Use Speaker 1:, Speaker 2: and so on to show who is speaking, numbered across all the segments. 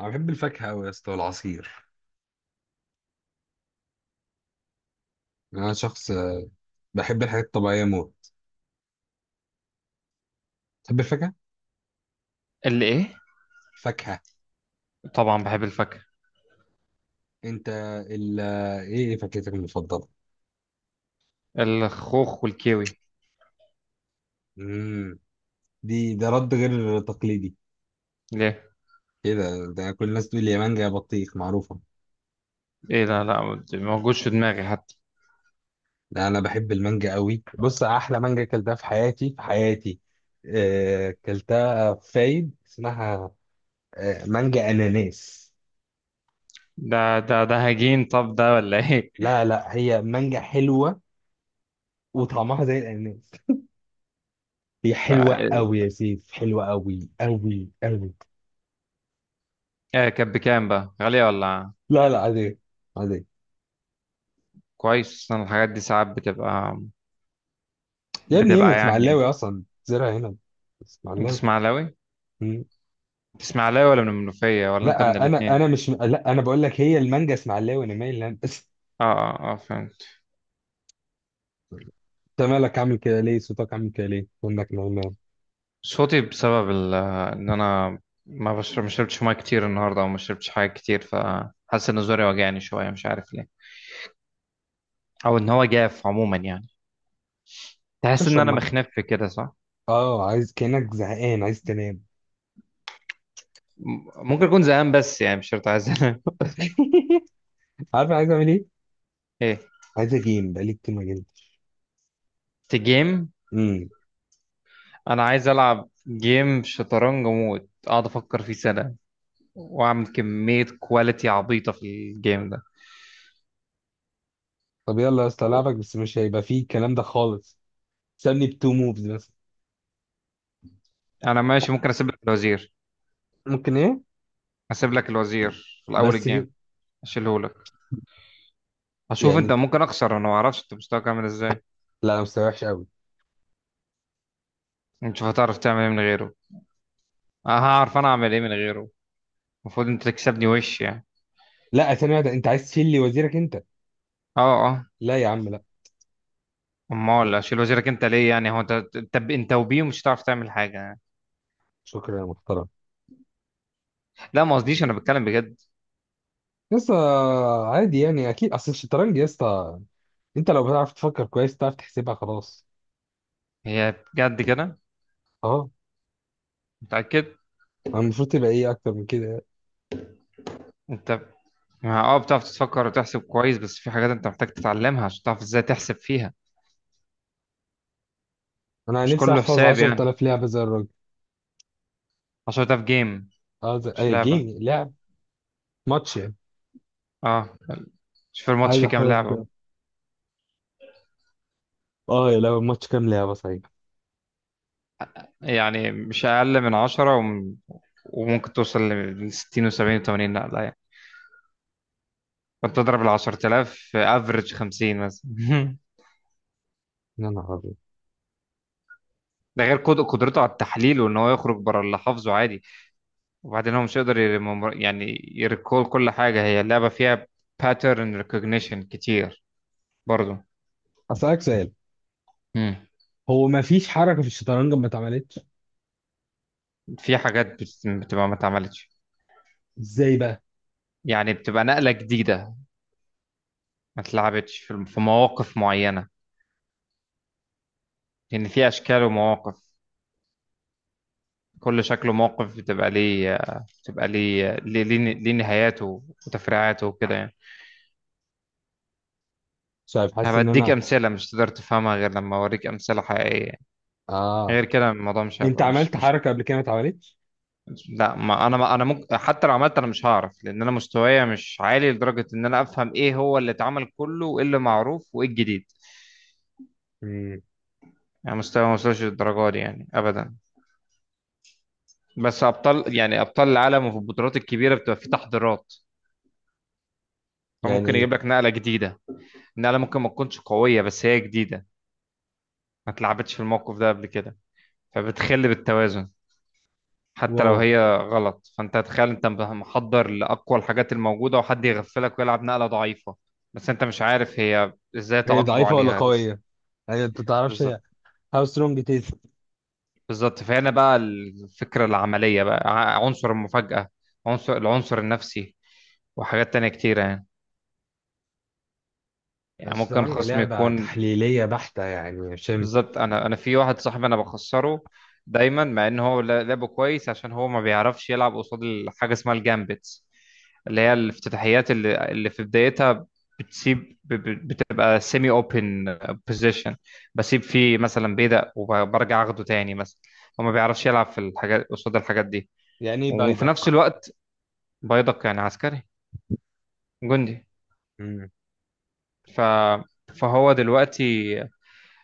Speaker 1: انا بحب الفاكهه قوي يا اسطى والعصير. انا شخص بحب الحاجات الطبيعيه موت. تحب الفاكهه؟
Speaker 2: الايه؟
Speaker 1: فاكهه.
Speaker 2: طبعا بحب الفاكهة.
Speaker 1: انت ال ايه ايه فاكهتك المفضله؟
Speaker 2: الخوخ والكيوي.
Speaker 1: امم ده رد غير تقليدي.
Speaker 2: ليه؟
Speaker 1: كده، ده كل الناس تقول لي يا مانجا يا بطيخ معروفه.
Speaker 2: ايه ده، لا ما موجودش في دماغي حتى.
Speaker 1: لا انا بحب المانجا قوي. بص، احلى مانجا اكلتها في حياتي، اكلتها في فايد، اسمها مانجا اناناس.
Speaker 2: ده هجين طب، ده ولا ايه؟
Speaker 1: لا لا، هي مانجا حلوه وطعمها زي الاناناس. هي
Speaker 2: لا،
Speaker 1: حلوة
Speaker 2: ايه.
Speaker 1: أوي يا سيف، حلوة أوي أوي أوي.
Speaker 2: إيه، كانت بكام بقى؟ غالية ولا؟
Speaker 1: لا لا، عادية، عادية.
Speaker 2: كويس. أنا الحاجات دي ساعات بتبقى
Speaker 1: يا ابني هنا
Speaker 2: يعني.
Speaker 1: اسماعيلاوي أصلا، زرع هنا
Speaker 2: انت
Speaker 1: اسماعيلاوي.
Speaker 2: اسماعيلاوي
Speaker 1: مم.
Speaker 2: انت اسماعيلاوي ولا من المنوفية ولا انت من
Speaker 1: لا، أنا
Speaker 2: الاتنين؟
Speaker 1: أنا مش لا أنا بقول لك هي المانجا اسماعيلاوي أنا مايل لها. بس.
Speaker 2: اه فهمت.
Speaker 1: أنت مالك عامل كده ليه؟ صوتك عامل كده ليه؟ إنك نايمان؟
Speaker 2: صوتي بسبب ان انا ما شربتش ميه كتير النهارده، وما شربتش حاجه كتير، فحاسس ان زوري وجعني شويه، مش عارف ليه. او ان هو جاف عموما يعني. تحس ان
Speaker 1: اشرب
Speaker 2: انا
Speaker 1: ميه.
Speaker 2: مخنف كده صح؟
Speaker 1: أه، عايز كأنك زهقان عايز تنام.
Speaker 2: ممكن اكون زهقان، بس يعني مش شرط عايز انام.
Speaker 1: عارف أنا عايز أعمل إيه؟
Speaker 2: ايه؟
Speaker 1: عايز أجيم، بقالي كتير ما جيمتش.
Speaker 2: في جيم؟
Speaker 1: امم
Speaker 2: انا عايز العب جيم شطرنج موت، اقعد افكر فيه سنه، واعمل كميه كواليتي عبيطه في الجيم ده.
Speaker 1: طب يلا يا اسطى
Speaker 2: كو-
Speaker 1: ألعبك، بس مش هيبقى فيه الكلام ده خالص. سابني بتو موفز بس.
Speaker 2: انا ماشي، ممكن اسيب لك الوزير.
Speaker 1: ممكن إيه؟
Speaker 2: اسيب لك الوزير في الاول
Speaker 1: بس
Speaker 2: الجيم، اشيله لك، اشوف انت
Speaker 1: يعني.
Speaker 2: ممكن اخسر، انا ما اعرفش انت مستواك عامل ازاي.
Speaker 1: لا انا مستواي وحش قوي.
Speaker 2: نشوف هتعرف تعمل ايه من غيره. أه، هعرف انا اعمل ايه من غيره؟ المفروض انت تكسبني وش يعني.
Speaker 1: لا، ثانية واحدة، انت عايز تشيل لي وزيرك انت؟
Speaker 2: اه اه.
Speaker 1: لا يا عم لا.
Speaker 2: امال
Speaker 1: لا،
Speaker 2: اشيل وزيرك انت ليه؟ يعني هو انت انت وبيه مش هتعرف تعمل حاجه يعني.
Speaker 1: شكرا يا محترم.
Speaker 2: لا، ما قصديش، انا بتكلم بجد.
Speaker 1: لسه. عادي يعني، اكيد. اصل الشطرنج يا اسطى، انت لو بتعرف تفكر كويس تعرف تحسبها خلاص.
Speaker 2: هي بجد كده؟
Speaker 1: اه.
Speaker 2: متاكد؟
Speaker 1: انا المفروض تبقى ايه اكتر من كده يعني.
Speaker 2: انت اه بتعرف تفكر وتحسب كويس، بس في حاجات انت محتاج تتعلمها عشان تعرف ازاي تحسب فيها.
Speaker 1: انا
Speaker 2: مش
Speaker 1: نفسي
Speaker 2: كله
Speaker 1: احفظ
Speaker 2: حساب يعني.
Speaker 1: 10,000 لعبة زي الراجل.
Speaker 2: عشان ده في جيم،
Speaker 1: عايز
Speaker 2: مش
Speaker 1: اي
Speaker 2: لعبه.
Speaker 1: جيم لعب. ماتش يعني.
Speaker 2: اه. مش في الماتش
Speaker 1: عايز
Speaker 2: في كام
Speaker 1: احفظ.
Speaker 2: لعبه؟
Speaker 1: اه يا لعبة، ماتش كام لعبة صحيح.
Speaker 2: يعني مش اقل من 10 وممكن توصل ل 60 و70 و80، لا لا يعني. فانت تضرب ال 10000 افريج 50 مثلا.
Speaker 1: يا نهار ابيض.
Speaker 2: ده غير قدرته على التحليل، وان هو يخرج بره اللي حافظه عادي. وبعدين هو مش هيقدر يعني يريكول كل حاجه هي اللعبه فيها. باترن ريكوجنيشن كتير برضو.
Speaker 1: اسالك سؤال.
Speaker 2: مم.
Speaker 1: هو ما فيش حركة في الشطرنج ما اتعملتش؟
Speaker 2: في حاجات بتبقى ما اتعملتش.
Speaker 1: ازاي بقى؟
Speaker 2: يعني بتبقى نقله جديده، ما اتلعبتش في في مواقف معينه. لان في اشكال ومواقف، كل شكل وموقف بتبقى ليه، ليه نهاياته وتفريعاته وكده يعني.
Speaker 1: مش عارف، حاسس ان
Speaker 2: هبديك
Speaker 1: انا.
Speaker 2: امثله، مش تقدر تفهمها غير لما اوريك امثله حقيقيه،
Speaker 1: اه،
Speaker 2: غير كده الموضوع مش
Speaker 1: انت
Speaker 2: هيبقى مش
Speaker 1: عملت
Speaker 2: مش
Speaker 1: حركة قبل كده ما اتعملتش؟
Speaker 2: لا، ما انا ممكن حتى لو عملت انا مش هعرف، لان انا مستوايا مش عالي لدرجه ان انا افهم ايه هو اللي اتعمل كله وايه اللي معروف وايه الجديد.
Speaker 1: مم.
Speaker 2: يعني مستوى ما وصلش للدرجه دي يعني ابدا. بس ابطال، يعني ابطال العالم وفي البطولات الكبيره، بتبقى في تحضيرات، فممكن
Speaker 1: يعني.
Speaker 2: يجيب لك نقله جديده. نقله ممكن ما تكونش قويه، بس هي جديده، ما اتلعبتش في الموقف ده قبل كده، فبتخل بالتوازن. حتى لو
Speaker 1: واو.
Speaker 2: هي غلط، فانت تخيل انت محضر لاقوى الحاجات الموجوده وحد يغفلك ويلعب نقله ضعيفه. بس انت مش عارف هي ازاي
Speaker 1: هي
Speaker 2: تعاقبه
Speaker 1: ضعيفة ولا
Speaker 2: عليها لسه.
Speaker 1: قوية؟ يعني انت تعرفش هي.
Speaker 2: بالظبط.
Speaker 1: هاو سترونج تيز؟
Speaker 2: بالظبط، فهنا بقى الفكره العمليه بقى، عنصر المفاجاه، العنصر النفسي، وحاجات تانية كتيرة يعني. يعني ممكن
Speaker 1: الشطرنج
Speaker 2: خصم
Speaker 1: لعبة
Speaker 2: يكون.
Speaker 1: تحليلية بحتة يعني يا شم؟
Speaker 2: بالظبط، انا في واحد صاحبي انا بخسره دايما، مع ان هو لعبه كويس، عشان هو ما بيعرفش يلعب قصاد حاجه اسمها الجامبتس، اللي هي الافتتاحيات اللي في بدايتها بتسيب بتبقى سيمي اوبن بوزيشن. بسيب فيه مثلا بيدق وبرجع اخده تاني مثلا. هو ما بيعرفش يلعب في الحاجات قصاد الحاجات دي.
Speaker 1: يعني ايه
Speaker 2: وفي
Speaker 1: بيضك؟
Speaker 2: نفس الوقت، بيدق يعني عسكري، جندي.
Speaker 1: مم.
Speaker 2: ف فهو دلوقتي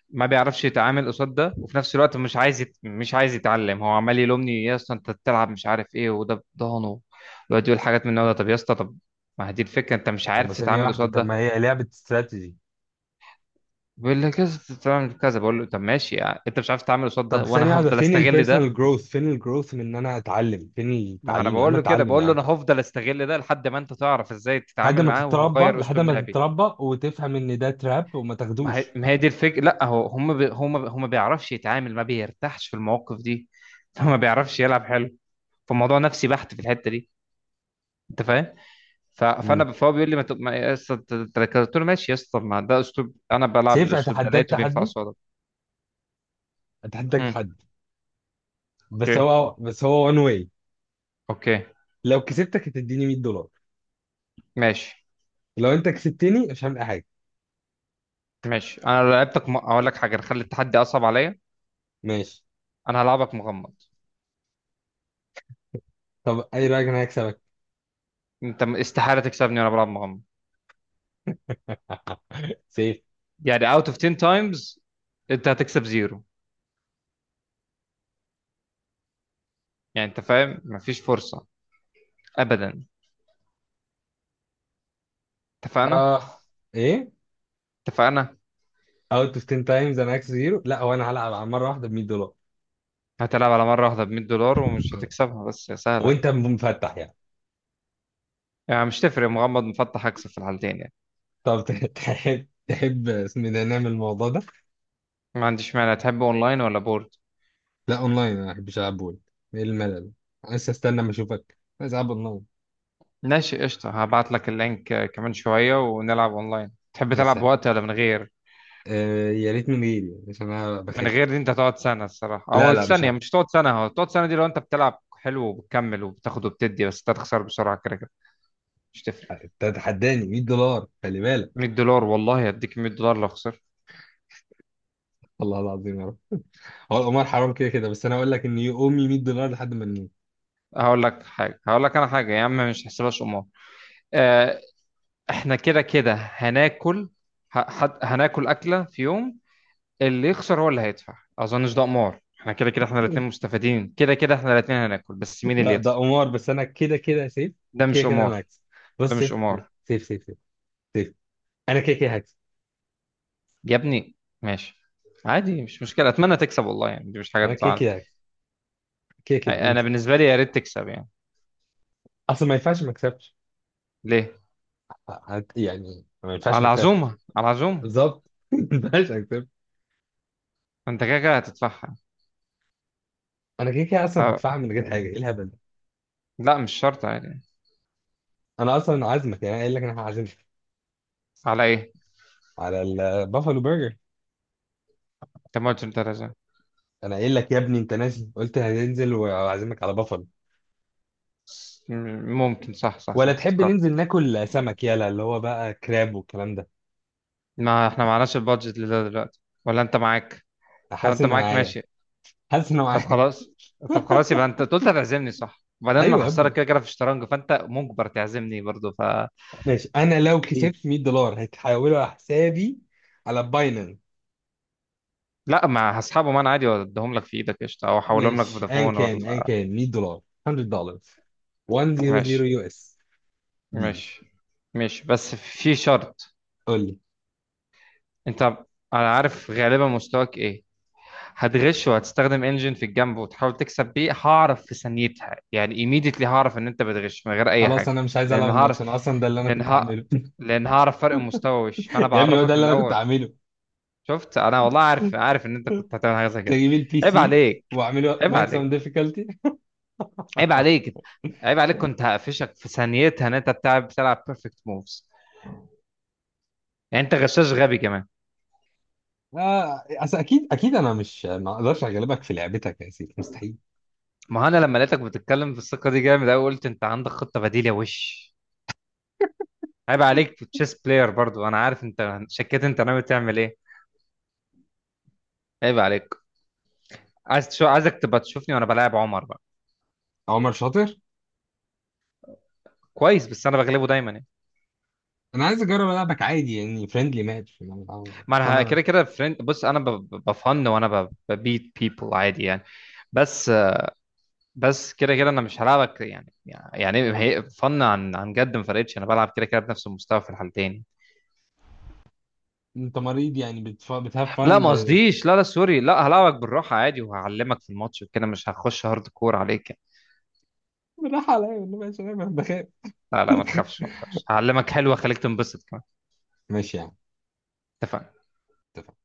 Speaker 2: ما بيعرفش يتعامل قصاد ده، وفي نفس الوقت مش مش عايز يتعلم. هو عمال يلومني، يا اسطى انت بتلعب مش عارف ايه وده بضهنه، ويقعد يقول حاجات من النوع ده. طب يا اسطى طب، ما هي دي الفكره، انت مش
Speaker 1: طب، ما
Speaker 2: عارف
Speaker 1: ثانية
Speaker 2: تتعامل
Speaker 1: واحدة،
Speaker 2: قصاد
Speaker 1: طب
Speaker 2: ده.
Speaker 1: ما هي لعبة استراتيجي.
Speaker 2: بيقول لي كذا تتعامل كذا، بقول له طب ماشي يعني، انت مش عارف تتعامل قصاد ده
Speaker 1: طب ثانية
Speaker 2: وانا
Speaker 1: واحدة،
Speaker 2: هفضل
Speaker 1: فين
Speaker 2: استغل ده.
Speaker 1: البيرسونال جروث؟ فين الجروث من ان انا اتعلم؟ فين
Speaker 2: ما انا
Speaker 1: التعليم يا عم؟
Speaker 2: بقول له كده،
Speaker 1: اتعلم يا
Speaker 2: بقول له
Speaker 1: عم.
Speaker 2: انا هفضل استغل ده لحد ما انت تعرف ازاي
Speaker 1: لحد
Speaker 2: تتعامل
Speaker 1: ما
Speaker 2: معاه،
Speaker 1: تتربى،
Speaker 2: وهغير
Speaker 1: لحد
Speaker 2: اسلوب
Speaker 1: ما
Speaker 2: لعبي.
Speaker 1: تتربى وتفهم ان ده تراب وما تاخدوش.
Speaker 2: ما هي دي الفكره. لا هو هم ما بيعرفش يتعامل، ما بيرتاحش في المواقف دي، فما بيعرفش يلعب حلو. فالموضوع نفسي بحت في الحته دي. انت فاهم؟ ف-
Speaker 1: مم.
Speaker 2: فانا فهو بيقول لي ما تبقى يا اسطى قلت له ماشي يا اسطى، ما ده اسلوب، انا بلعب
Speaker 1: سيف،
Speaker 2: بالاسلوب ده
Speaker 1: اتحداك
Speaker 2: لقيته بينفع
Speaker 1: تحدي،
Speaker 2: قصادك.
Speaker 1: اتحداك
Speaker 2: امم.
Speaker 1: تحدي. بس
Speaker 2: اوكي.
Speaker 1: هو بس هو وان واي.
Speaker 2: اوكي.
Speaker 1: لو كسبتك هتديني 100 دولار،
Speaker 2: ماشي.
Speaker 1: لو انت كسبتني مش هعمل اي حاجه.
Speaker 2: ماشي، انا لو لعبتك اقول لك حاجه، نخلي التحدي اصعب عليا،
Speaker 1: ماشي.
Speaker 2: انا هلعبك مغمض.
Speaker 1: طب اي رايك، انا هكسبك
Speaker 2: انت استحاله تكسبني وانا بلعب مغمض.
Speaker 1: سيف.
Speaker 2: يعني اوت اوف 10 تايمز انت هتكسب زيرو. يعني انت فاهم، مفيش فرصه ابدا. اتفقنا.
Speaker 1: اه. ايه؟
Speaker 2: اتفقنا.
Speaker 1: اوت اوف 10 تايمز انا هكسب زيرو؟ لا هو انا هلعب على مره واحده ب 100 دولار.
Speaker 2: هتلعب على مره واحده ب $100، ومش هتكسبها بس يا سهله.
Speaker 1: وانت مفتح يعني؟
Speaker 2: يعني مش تفرق مغمض مفتح، هكسب في الحالتين يعني.
Speaker 1: طب تحب، تحب اسم ده، نعمل الموضوع ده.
Speaker 2: ما عنديش مانع، تحب اونلاين ولا بورد؟
Speaker 1: لا اونلاين، انا ما بحبش العب بول. ايه الملل ده؟ أنا لسه استنى ما اشوفك، عايز العب اونلاين.
Speaker 2: ماشي قشطة، هبعت لك اللينك. آه، كمان شوية ونلعب اونلاين. تحب
Speaker 1: يا
Speaker 2: تلعب
Speaker 1: سهل.
Speaker 2: بوقت ولا من غير؟
Speaker 1: آه يا ريت من غيري عشان انا
Speaker 2: من
Speaker 1: بخاف.
Speaker 2: غير دي انت هتقعد سنة الصراحة،
Speaker 1: لا
Speaker 2: او
Speaker 1: لا، مش
Speaker 2: الثانية
Speaker 1: هعمل.
Speaker 2: مش هتقعد سنة، هو تقعد سنة دي لو انت بتلعب حلو وبتكمل وبتاخد وبتدي، بس انت هتخسر بسرعة كده كده. مش تفرق.
Speaker 1: انت هتحداني 100 دولار، خلي
Speaker 2: 100
Speaker 1: بالك.
Speaker 2: دولار والله، هديك $100 لو خسرت.
Speaker 1: الله العظيم يا رب. هو القمار حرام كده كده، بس انا اقول لك ان امي 100 دولار لحد ما نموت.
Speaker 2: هقول لك حاجة، هقول لك انا حاجة يا عم، مش هحسبهاش قمار. آه، احنا كده كده هناكل، هناكل أكلة في يوم، اللي يخسر هو اللي هيدفع. اظنش ده قمار، احنا كده كده احنا الاثنين مستفيدين، كده كده احنا الاثنين هناكل، بس مين اللي
Speaker 1: لا ده
Speaker 2: يدفع.
Speaker 1: قمار. بس انا كده كده سيف،
Speaker 2: ده
Speaker 1: كده
Speaker 2: مش
Speaker 1: كده
Speaker 2: قمار.
Speaker 1: انا هكسب.
Speaker 2: ده
Speaker 1: بص
Speaker 2: مش
Speaker 1: سيف،
Speaker 2: قمار.
Speaker 1: سيف سيف، سيف سيف، انا كده كده هكسب.
Speaker 2: يا ابني ماشي، عادي مش مشكلة، اتمنى تكسب والله يعني، دي مش حاجة
Speaker 1: انا كده
Speaker 2: تزعل.
Speaker 1: كده هكسب، كده كده انت.
Speaker 2: انا بالنسبة لي يا ريت تكسب يعني.
Speaker 1: اصلا ما ينفعش ما اكسبش.
Speaker 2: ليه؟
Speaker 1: يعني ما ينفعش ما
Speaker 2: على
Speaker 1: اكسبش.
Speaker 2: عزومة. على عزومة.
Speaker 1: بالظبط. ما ينفعش اكسب.
Speaker 2: انت كده كده هتدفعها.
Speaker 1: انا كده كده اصلا
Speaker 2: أه،
Speaker 1: هدفع من غير حاجه، ايه الهبل ده؟
Speaker 2: لا مش شرط، عادي.
Speaker 1: انا اصلا عازمك، يعني انا قايل لك انا هعزمك
Speaker 2: على ايه؟
Speaker 1: على البافالو برجر.
Speaker 2: طب ما قلت انت لازم.
Speaker 1: انا قايل لك يا ابني، انت نازل قلت هننزل وهعزمك على بافالو.
Speaker 2: ممكن، صح صح
Speaker 1: ولا
Speaker 2: صح،
Speaker 1: تحب
Speaker 2: افتكرت.
Speaker 1: ننزل ناكل سمك، يلا اللي هو بقى كراب والكلام ده.
Speaker 2: ما احنا معناش البادجت لده دلوقتي، ولا انت معاك؟ لو
Speaker 1: حاسس
Speaker 2: انت
Speaker 1: ان
Speaker 2: معاك
Speaker 1: معايا،
Speaker 2: ماشي.
Speaker 1: حاسس ان
Speaker 2: طب
Speaker 1: معايا.
Speaker 2: خلاص. طب خلاص، يبقى انت أنت قلت هتعزمني صح، وبعدين انا
Speaker 1: ايوه يا
Speaker 2: خسارة
Speaker 1: ابني.
Speaker 2: كده كده في الشطرنج، فانت مجبر تعزمني برضو ف.
Speaker 1: ماشي، انا لو
Speaker 2: إيه؟
Speaker 1: كسبت 100 دولار هتحولوا على حسابي على باينانس.
Speaker 2: لا مع اصحابه، ما انا عادي واديهم لك في ايدك قشطه، او احولهم لك
Speaker 1: ماشي، ان
Speaker 2: فودافون
Speaker 1: كان ان
Speaker 2: ولا.
Speaker 1: كان 100 دولار، 100 دولار، 100
Speaker 2: ماشي.
Speaker 1: يو اس ديز.
Speaker 2: ماشي. ماشي، بس في شرط.
Speaker 1: قول لي.
Speaker 2: انت، انا عارف غالبا مستواك ايه، هتغش وهتستخدم انجن في الجنب وتحاول تكسب بيه، هعرف في ثانيتها يعني، ايميديتلي هعرف ان انت بتغش من غير اي
Speaker 1: خلاص
Speaker 2: حاجه.
Speaker 1: انا مش عايز العب
Speaker 2: لان هعرف،
Speaker 1: الماتش، انا اصلا ده اللي انا
Speaker 2: لان
Speaker 1: كنت
Speaker 2: ه...
Speaker 1: هعمله.
Speaker 2: لان هعرف فرق المستوى وش، فانا
Speaker 1: يا ابني هو ده
Speaker 2: بعرفك من
Speaker 1: اللي انا كنت
Speaker 2: الاول.
Speaker 1: هعمله.
Speaker 2: شفت، انا والله عارف، عارف ان انت كنت هتعمل حاجه زي
Speaker 1: كنت
Speaker 2: كده.
Speaker 1: اجيب البي
Speaker 2: عيب
Speaker 1: سي
Speaker 2: عليك.
Speaker 1: واعمله
Speaker 2: عيب
Speaker 1: ماكسيمم
Speaker 2: عليك.
Speaker 1: ديفيكالتي.
Speaker 2: عيب عليك. عيب عليك، كنت هقفشك في ثانيتها ان انت بتلعب بيرفكت موفز. يعني انت غشاش غبي كمان.
Speaker 1: آه أصل أكيد أكيد أنا مش، ما أقدرش أغلبك في لعبتك يا سيف، مستحيل.
Speaker 2: ما هو انا لما لقيتك بتتكلم بالثقه دي جامد قوي، قلت انت عندك خطه بديله وش. عيب عليك، في تشيس بلاير برضو، انا عارف انت شكيت انت ناوي تعمل ايه. عيب عليك. عايزك تبقى تشوفني وانا بلاعب عمر بقى.
Speaker 1: عمر شاطر.
Speaker 2: كويس، بس انا بغلبه دايما يعني.
Speaker 1: أنا عايز أجرب ألعبك عادي، يعني فريندلي ماتش.
Speaker 2: ما
Speaker 1: أصل
Speaker 2: انا
Speaker 1: أنا.
Speaker 2: كده كده فريند، بص انا بفن، وانا ببيت بيبل عادي يعني. بس. بس كده كده انا مش هلعبك يعني. يعني هي فن عن جد، ما فرقتش، انا بلعب كده كده بنفس المستوى في الحالتين.
Speaker 1: أنت مريض يعني، بتهاف
Speaker 2: لا
Speaker 1: فن
Speaker 2: ما قصديش، لا لا سوري، لا هلعبك بالراحه عادي، وهعلمك في الماتش وكده، مش هخش هارد كور عليك يعني.
Speaker 1: بالراحة عليا والله، ماشي، أنا بخاف.
Speaker 2: لا لا ما تخافش، ما تخافش، هعلمك حلوه، خليك تنبسط كمان.
Speaker 1: ماشي يعني.
Speaker 2: اتفقنا.
Speaker 1: اتفقنا.